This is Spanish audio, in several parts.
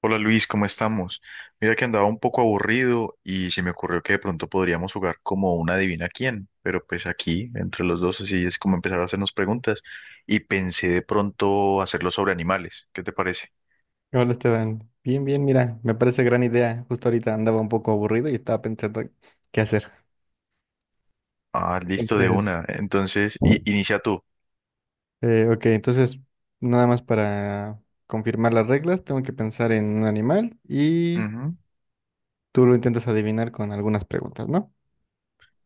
Hola Luis, ¿cómo estamos? Mira que andaba un poco aburrido y se me ocurrió que de pronto podríamos jugar como una adivina quién, pero pues aquí entre los dos así es como empezar a hacernos preguntas y pensé de pronto hacerlo sobre animales, ¿qué te parece? Hola Esteban, bien, bien, mira, me parece gran idea. Justo ahorita andaba un poco aburrido y estaba pensando qué hacer. Ah, listo de una, Entonces, entonces inicia tú. Ok, entonces nada más para confirmar las reglas, tengo que pensar en un animal y Ujú. tú lo intentas adivinar con algunas preguntas, ¿no?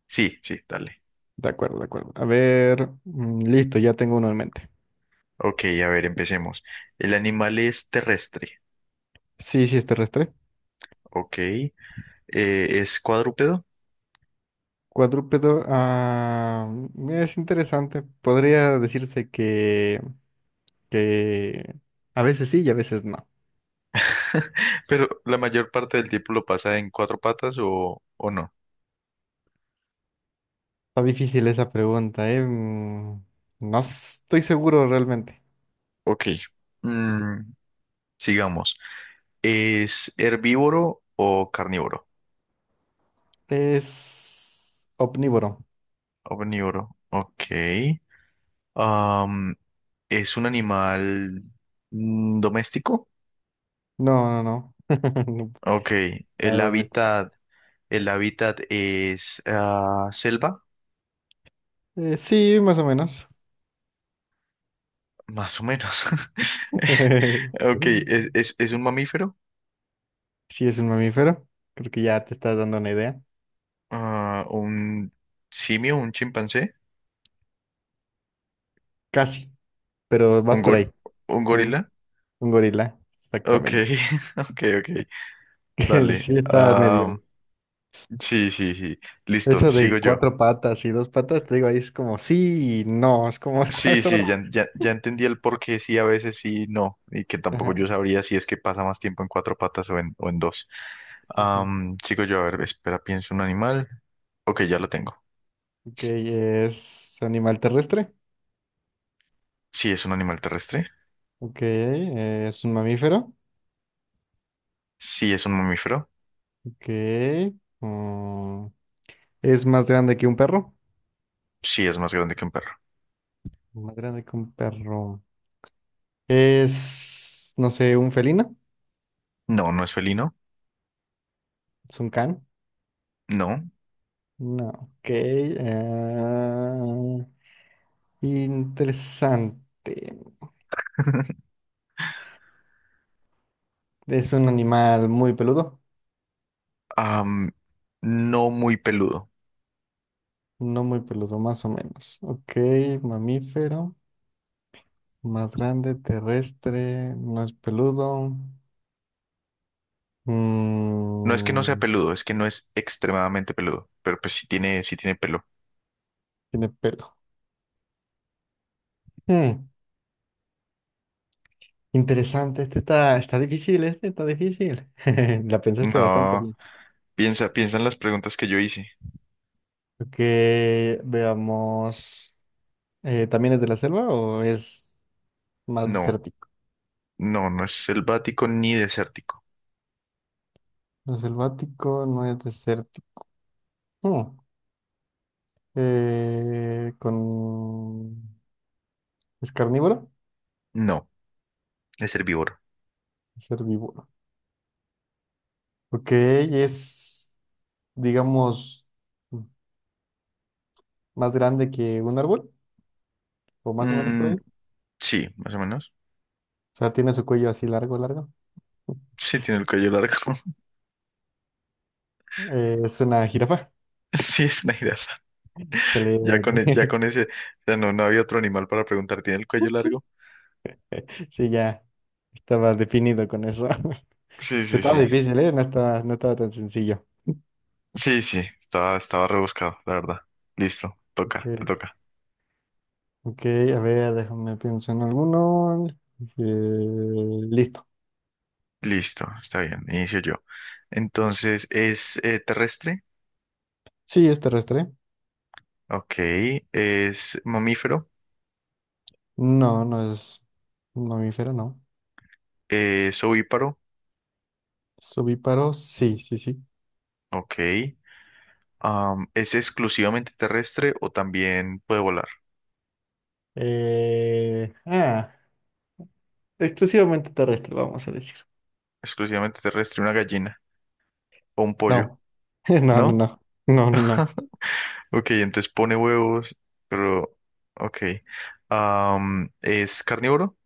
Sí, sí, dale. De acuerdo, de acuerdo. A ver, listo, ya tengo uno en mente. Ok, a ver, empecemos. El animal es terrestre, Sí, sí, es terrestre. ok. Es cuadrúpedo, Cuadrúpedo, ah, es interesante. Podría decirse que a veces sí y a veces no. pero la mayor parte del tiempo lo pasa en cuatro patas o no. Está difícil esa pregunta, ¿eh? No estoy seguro realmente. Ok, mm, sigamos. ¿Es herbívoro o carnívoro? Es omnívoro. Omnívoro, ok. Am, ¿Es un animal doméstico? No, no, no. Ok, No, el nada me- hábitat, el hábitat es selva, sí, más o menos. más o menos. Ok, ¿es un mamífero? Sí, es un mamífero. Creo que ya te estás dando una idea. Ah, ¿un simio, un chimpancé? Casi, pero vas ¿Un, por ahí. gor- un Un, gorila? un gorila, Ok, exactamente. ok, ok, dale. Sí, está medio. Sí, sí, sí. Listo, Eso sigo de yo. cuatro patas y dos patas, te digo, ahí es como sí y no. Es como está, Sí, está sí, raro. ya, ya, ya entendí el por qué sí, a veces sí, no, y que tampoco Ajá, yo sabría si es que pasa más tiempo en cuatro patas o en dos. sí, sí. Sigo yo, a ver, espera, pienso un animal. Ok, ya lo tengo. Ok, es animal terrestre. Sí, es un animal terrestre. Ok, es un mamífero. Sí, es un mamífero. Ok. mm, es más grande que un perro. Sí, es más grande que un perro. Más grande que un perro. Es, no sé, un felino. No, no es felino. Es un can. No. No, ok. Interesante. Es un animal muy peludo. Am, no muy peludo. No muy peludo, más o menos. Ok, mamífero. Más grande, terrestre. No es peludo. No es que no sea Mm, peludo, es que no es extremadamente peludo, pero pues sí tiene pelo. tiene pelo. Mm, interesante. Está difícil, está difícil. La pensaste bastante No. bien. Piensa, piensa en las preguntas que yo hice. Que veamos. ¿También es de la selva o es más No, desértico? no, no es selvático ni desértico. No es selvático, no es desértico. Mm, con... ¿Es carnívoro? No, es herbívoro. Es herbívoro. Ok, es, digamos, más grande que un árbol, o más o menos por Mm, ahí. O sí, más o menos. sea, tiene su cuello así largo. Sí, tiene el cuello largo. Es una jirafa. Sí, es una idea sana. Se le... Ya con, ya con ese, o sea, no, no había otro animal para preguntar, ¿tiene el cuello largo? Sí, ya estaba definido con eso. Pero Sí, sí, estaba sí. difícil, ¿eh? No estaba, no estaba tan sencillo. Sí, sí, estaba, estaba rebuscado, la verdad. Listo, Ok, toca, te toca. ok, a ver, déjame pienso en alguno. Eh, listo. Listo, está bien, inicio yo. Entonces, ¿es terrestre? Sí, es terrestre. Ok. ¿Es mamífero? No, no es mamífero, no. ¿Es ovíparo? ¿Es ovíparo? Sí, sí, sí. Ok. ¿Es exclusivamente terrestre o también puede volar? Eh, ah, exclusivamente terrestre, vamos a decir. Exclusivamente terrestre, una gallina o un pollo, No, no, no, ¿no? no. No, no, no. Ok, entonces pone huevos, pero... Ok. ¿Es carnívoro?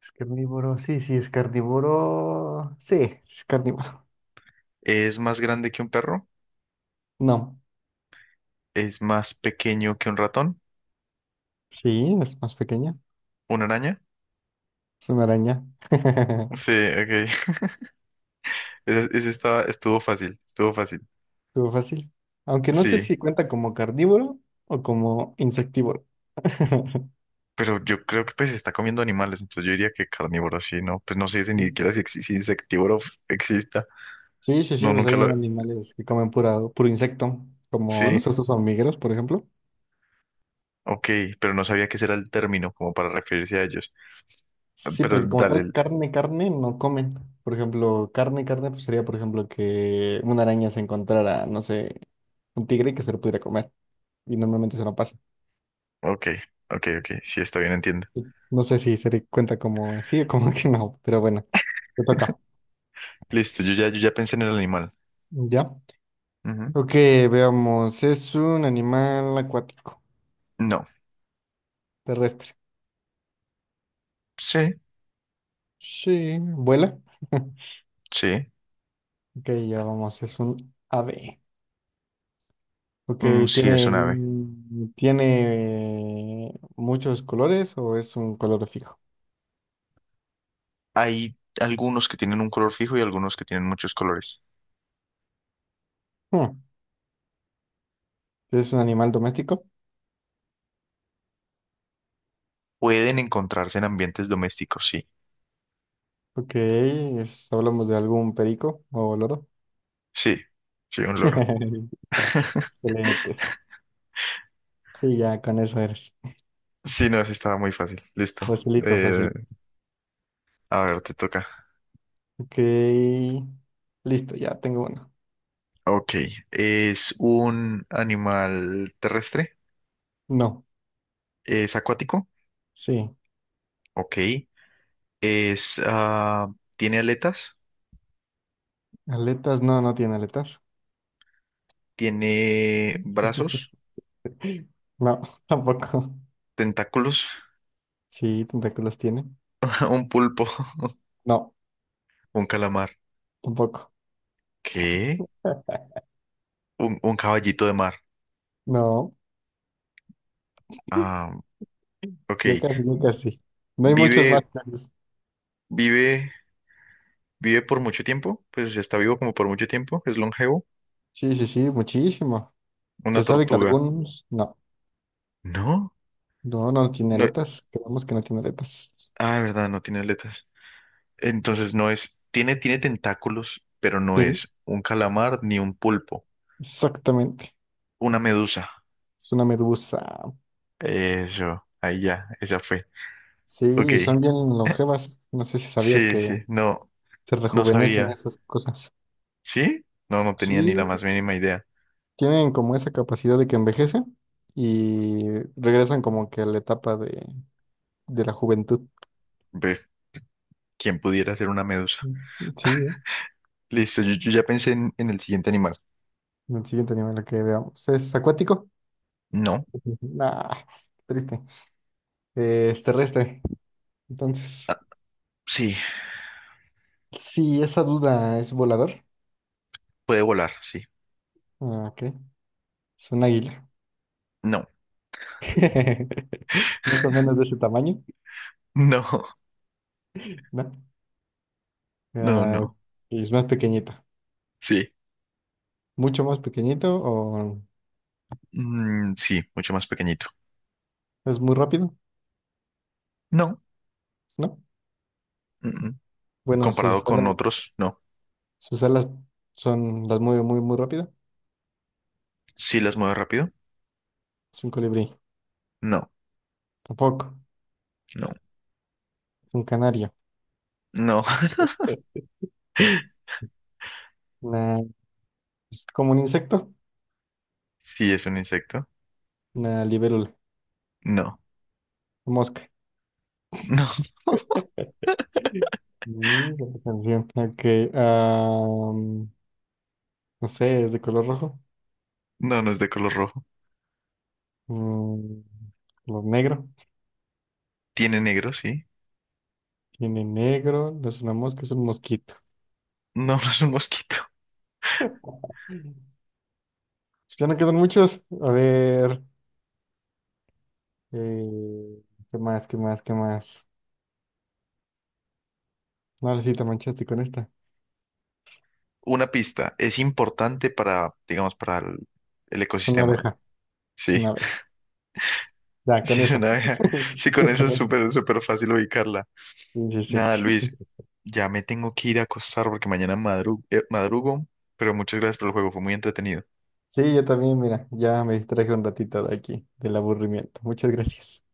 Es carnívoro, sí, sí, es carnívoro. Sí, es carnívoro. ¿Es más grande que un perro? No, ¿Es más pequeño que un ratón? sí, es más pequeña. ¿Una araña? Es una araña. Estuvo Sí, ok. Ese estaba, estuvo fácil, estuvo fácil. fácil. Aunque no sé Sí, si cuenta como carnívoro o como insectívoro. pero yo creo que pues está comiendo animales, entonces yo diría que carnívoro, sí, ¿no? Pues no sé si ni siquiera si, si insectívoro exista. Sí, sí, sí, No, pues nunca hay lo... animales que comen puro insecto, como ¿Sí? los osos hormigueros, por ejemplo. Ok, pero no sabía que ese era el término como para referirse a ellos. Ah, Sí, pero porque como dale, tal, carne no comen. Por ejemplo, carne, pues sería, por ejemplo, que una araña se encontrara, no sé, un tigre y que se lo pudiera comer. Y normalmente se lo pasa. ok, ok, ok, sí, está bien, entiendo. No sé si se le cuenta como sí o como que no, pero bueno, te toca. Listo, yo ya, yo ya pensé en el animal. ¿Ya? Ujú. Ok, veamos. Es un animal acuático, No, terrestre. sí, Sí, vuela. sí, Ok, ya vamos. Es un ave. Ok, mm, sí, es ¿tiene, un ave. ¿tiene muchos colores o es un color fijo? Hay algunos que tienen un color fijo y algunos que tienen muchos colores. Hmm, ¿Es un animal doméstico? Pueden encontrarse en ambientes domésticos, sí, Ok, es- hablamos de algún perico o loro. sí, sí, un loro. Excelente. Sí, ya con eso eres. Sí, no, sí, estaba muy fácil, listo. Facilito, Eh, facilito. a ver, te toca. Ok, listo, ya tengo uno. Ok, ¿es un animal terrestre? No, ¿Es acuático? sí. Ok. Es, tiene aletas, Aletas, no, no tiene aletas. tiene brazos, No, tampoco. tentáculos, Sí, tentáculos tiene. un pulpo, No, un calamar. tampoco. ¿Qué? Un caballito de mar. No, Ah, ok. ya casi, ya casi. No hay muchos Vive, más casos. vive, vive por mucho tiempo. Pues o está vivo como por mucho tiempo. Es longevo. Sí, sí, sí, muchísimo. Una Se sabe que tortuga. algunos, no, ¿No? no, no tiene No. aletas. Creemos que no tiene aletas. Ah, de verdad, no tiene aletas. Entonces no es. Tiene, tiene tentáculos, pero no Sí, es un calamar ni un pulpo. exactamente. Una medusa. Es una medusa. Eso. Ahí ya. Esa fue. Sí, Ok, y son bien longevas. No sé si sabías sí, que sí, no, se no rejuvenecen sabía. esas cosas. ¿Sí? No, no tenía ni la Sí, más mínima idea. tienen como esa capacidad de que envejecen y regresan como que a la de la juventud. Ve, ¿quién pudiera ser una medusa? Sí, ¿eh? Listo, yo ya pensé en el siguiente animal. En el siguiente nivel que veamos. ¿Es acuático? No, Nah, triste. Es terrestre. Entonces, ah, sí, si esa duda es volador, puede volar, sí. ah, ok, es un águila. No, Más o menos de ese tamaño, no, ¿no? no, Ah, no. y es más pequeñito. Sí, ¿Mucho más pequeñito o mm, sí, mucho más pequeñito. es muy rápido, No, no? mm, mm. Bueno, Comparado sus con alas otros, no. Sus alas son, las mueve muy rápido. ¿Sí las mueve rápido? Es un colibrí. No, Tampoco. no, Es un canario. no. Una, es como un insecto. ¿Sí es un insecto? Una libélula. No, Mosca. no, Mm, qué canción. Ok. am, no sé, es de color rojo. no, no es de color rojo. Mm, color negro. ¿Tiene negro? Sí. Tiene negro. No es una mosca, es un mosquito. No, no es un mosquito. Ya no quedan muchos. A ver. eh, ¿Qué más? ¿Qué más? ¿Qué más? No, ahora sí te manchaste con esta. Una pista es importante para, digamos, para el Es una ecosistema. abeja. Es Sí, una abeja. Ya, con sí es eso. una abeja. Sí, con eso es Con eso. súper, súper fácil ubicarla. Sí, sí, Nada, sí. Luis, ya me tengo que ir a acostar porque mañana madrugo, pero muchas gracias por el juego, fue muy entretenido. Sí, yo también, mira, ya me distraje un ratito de aquí, del aburrimiento. Muchas gracias.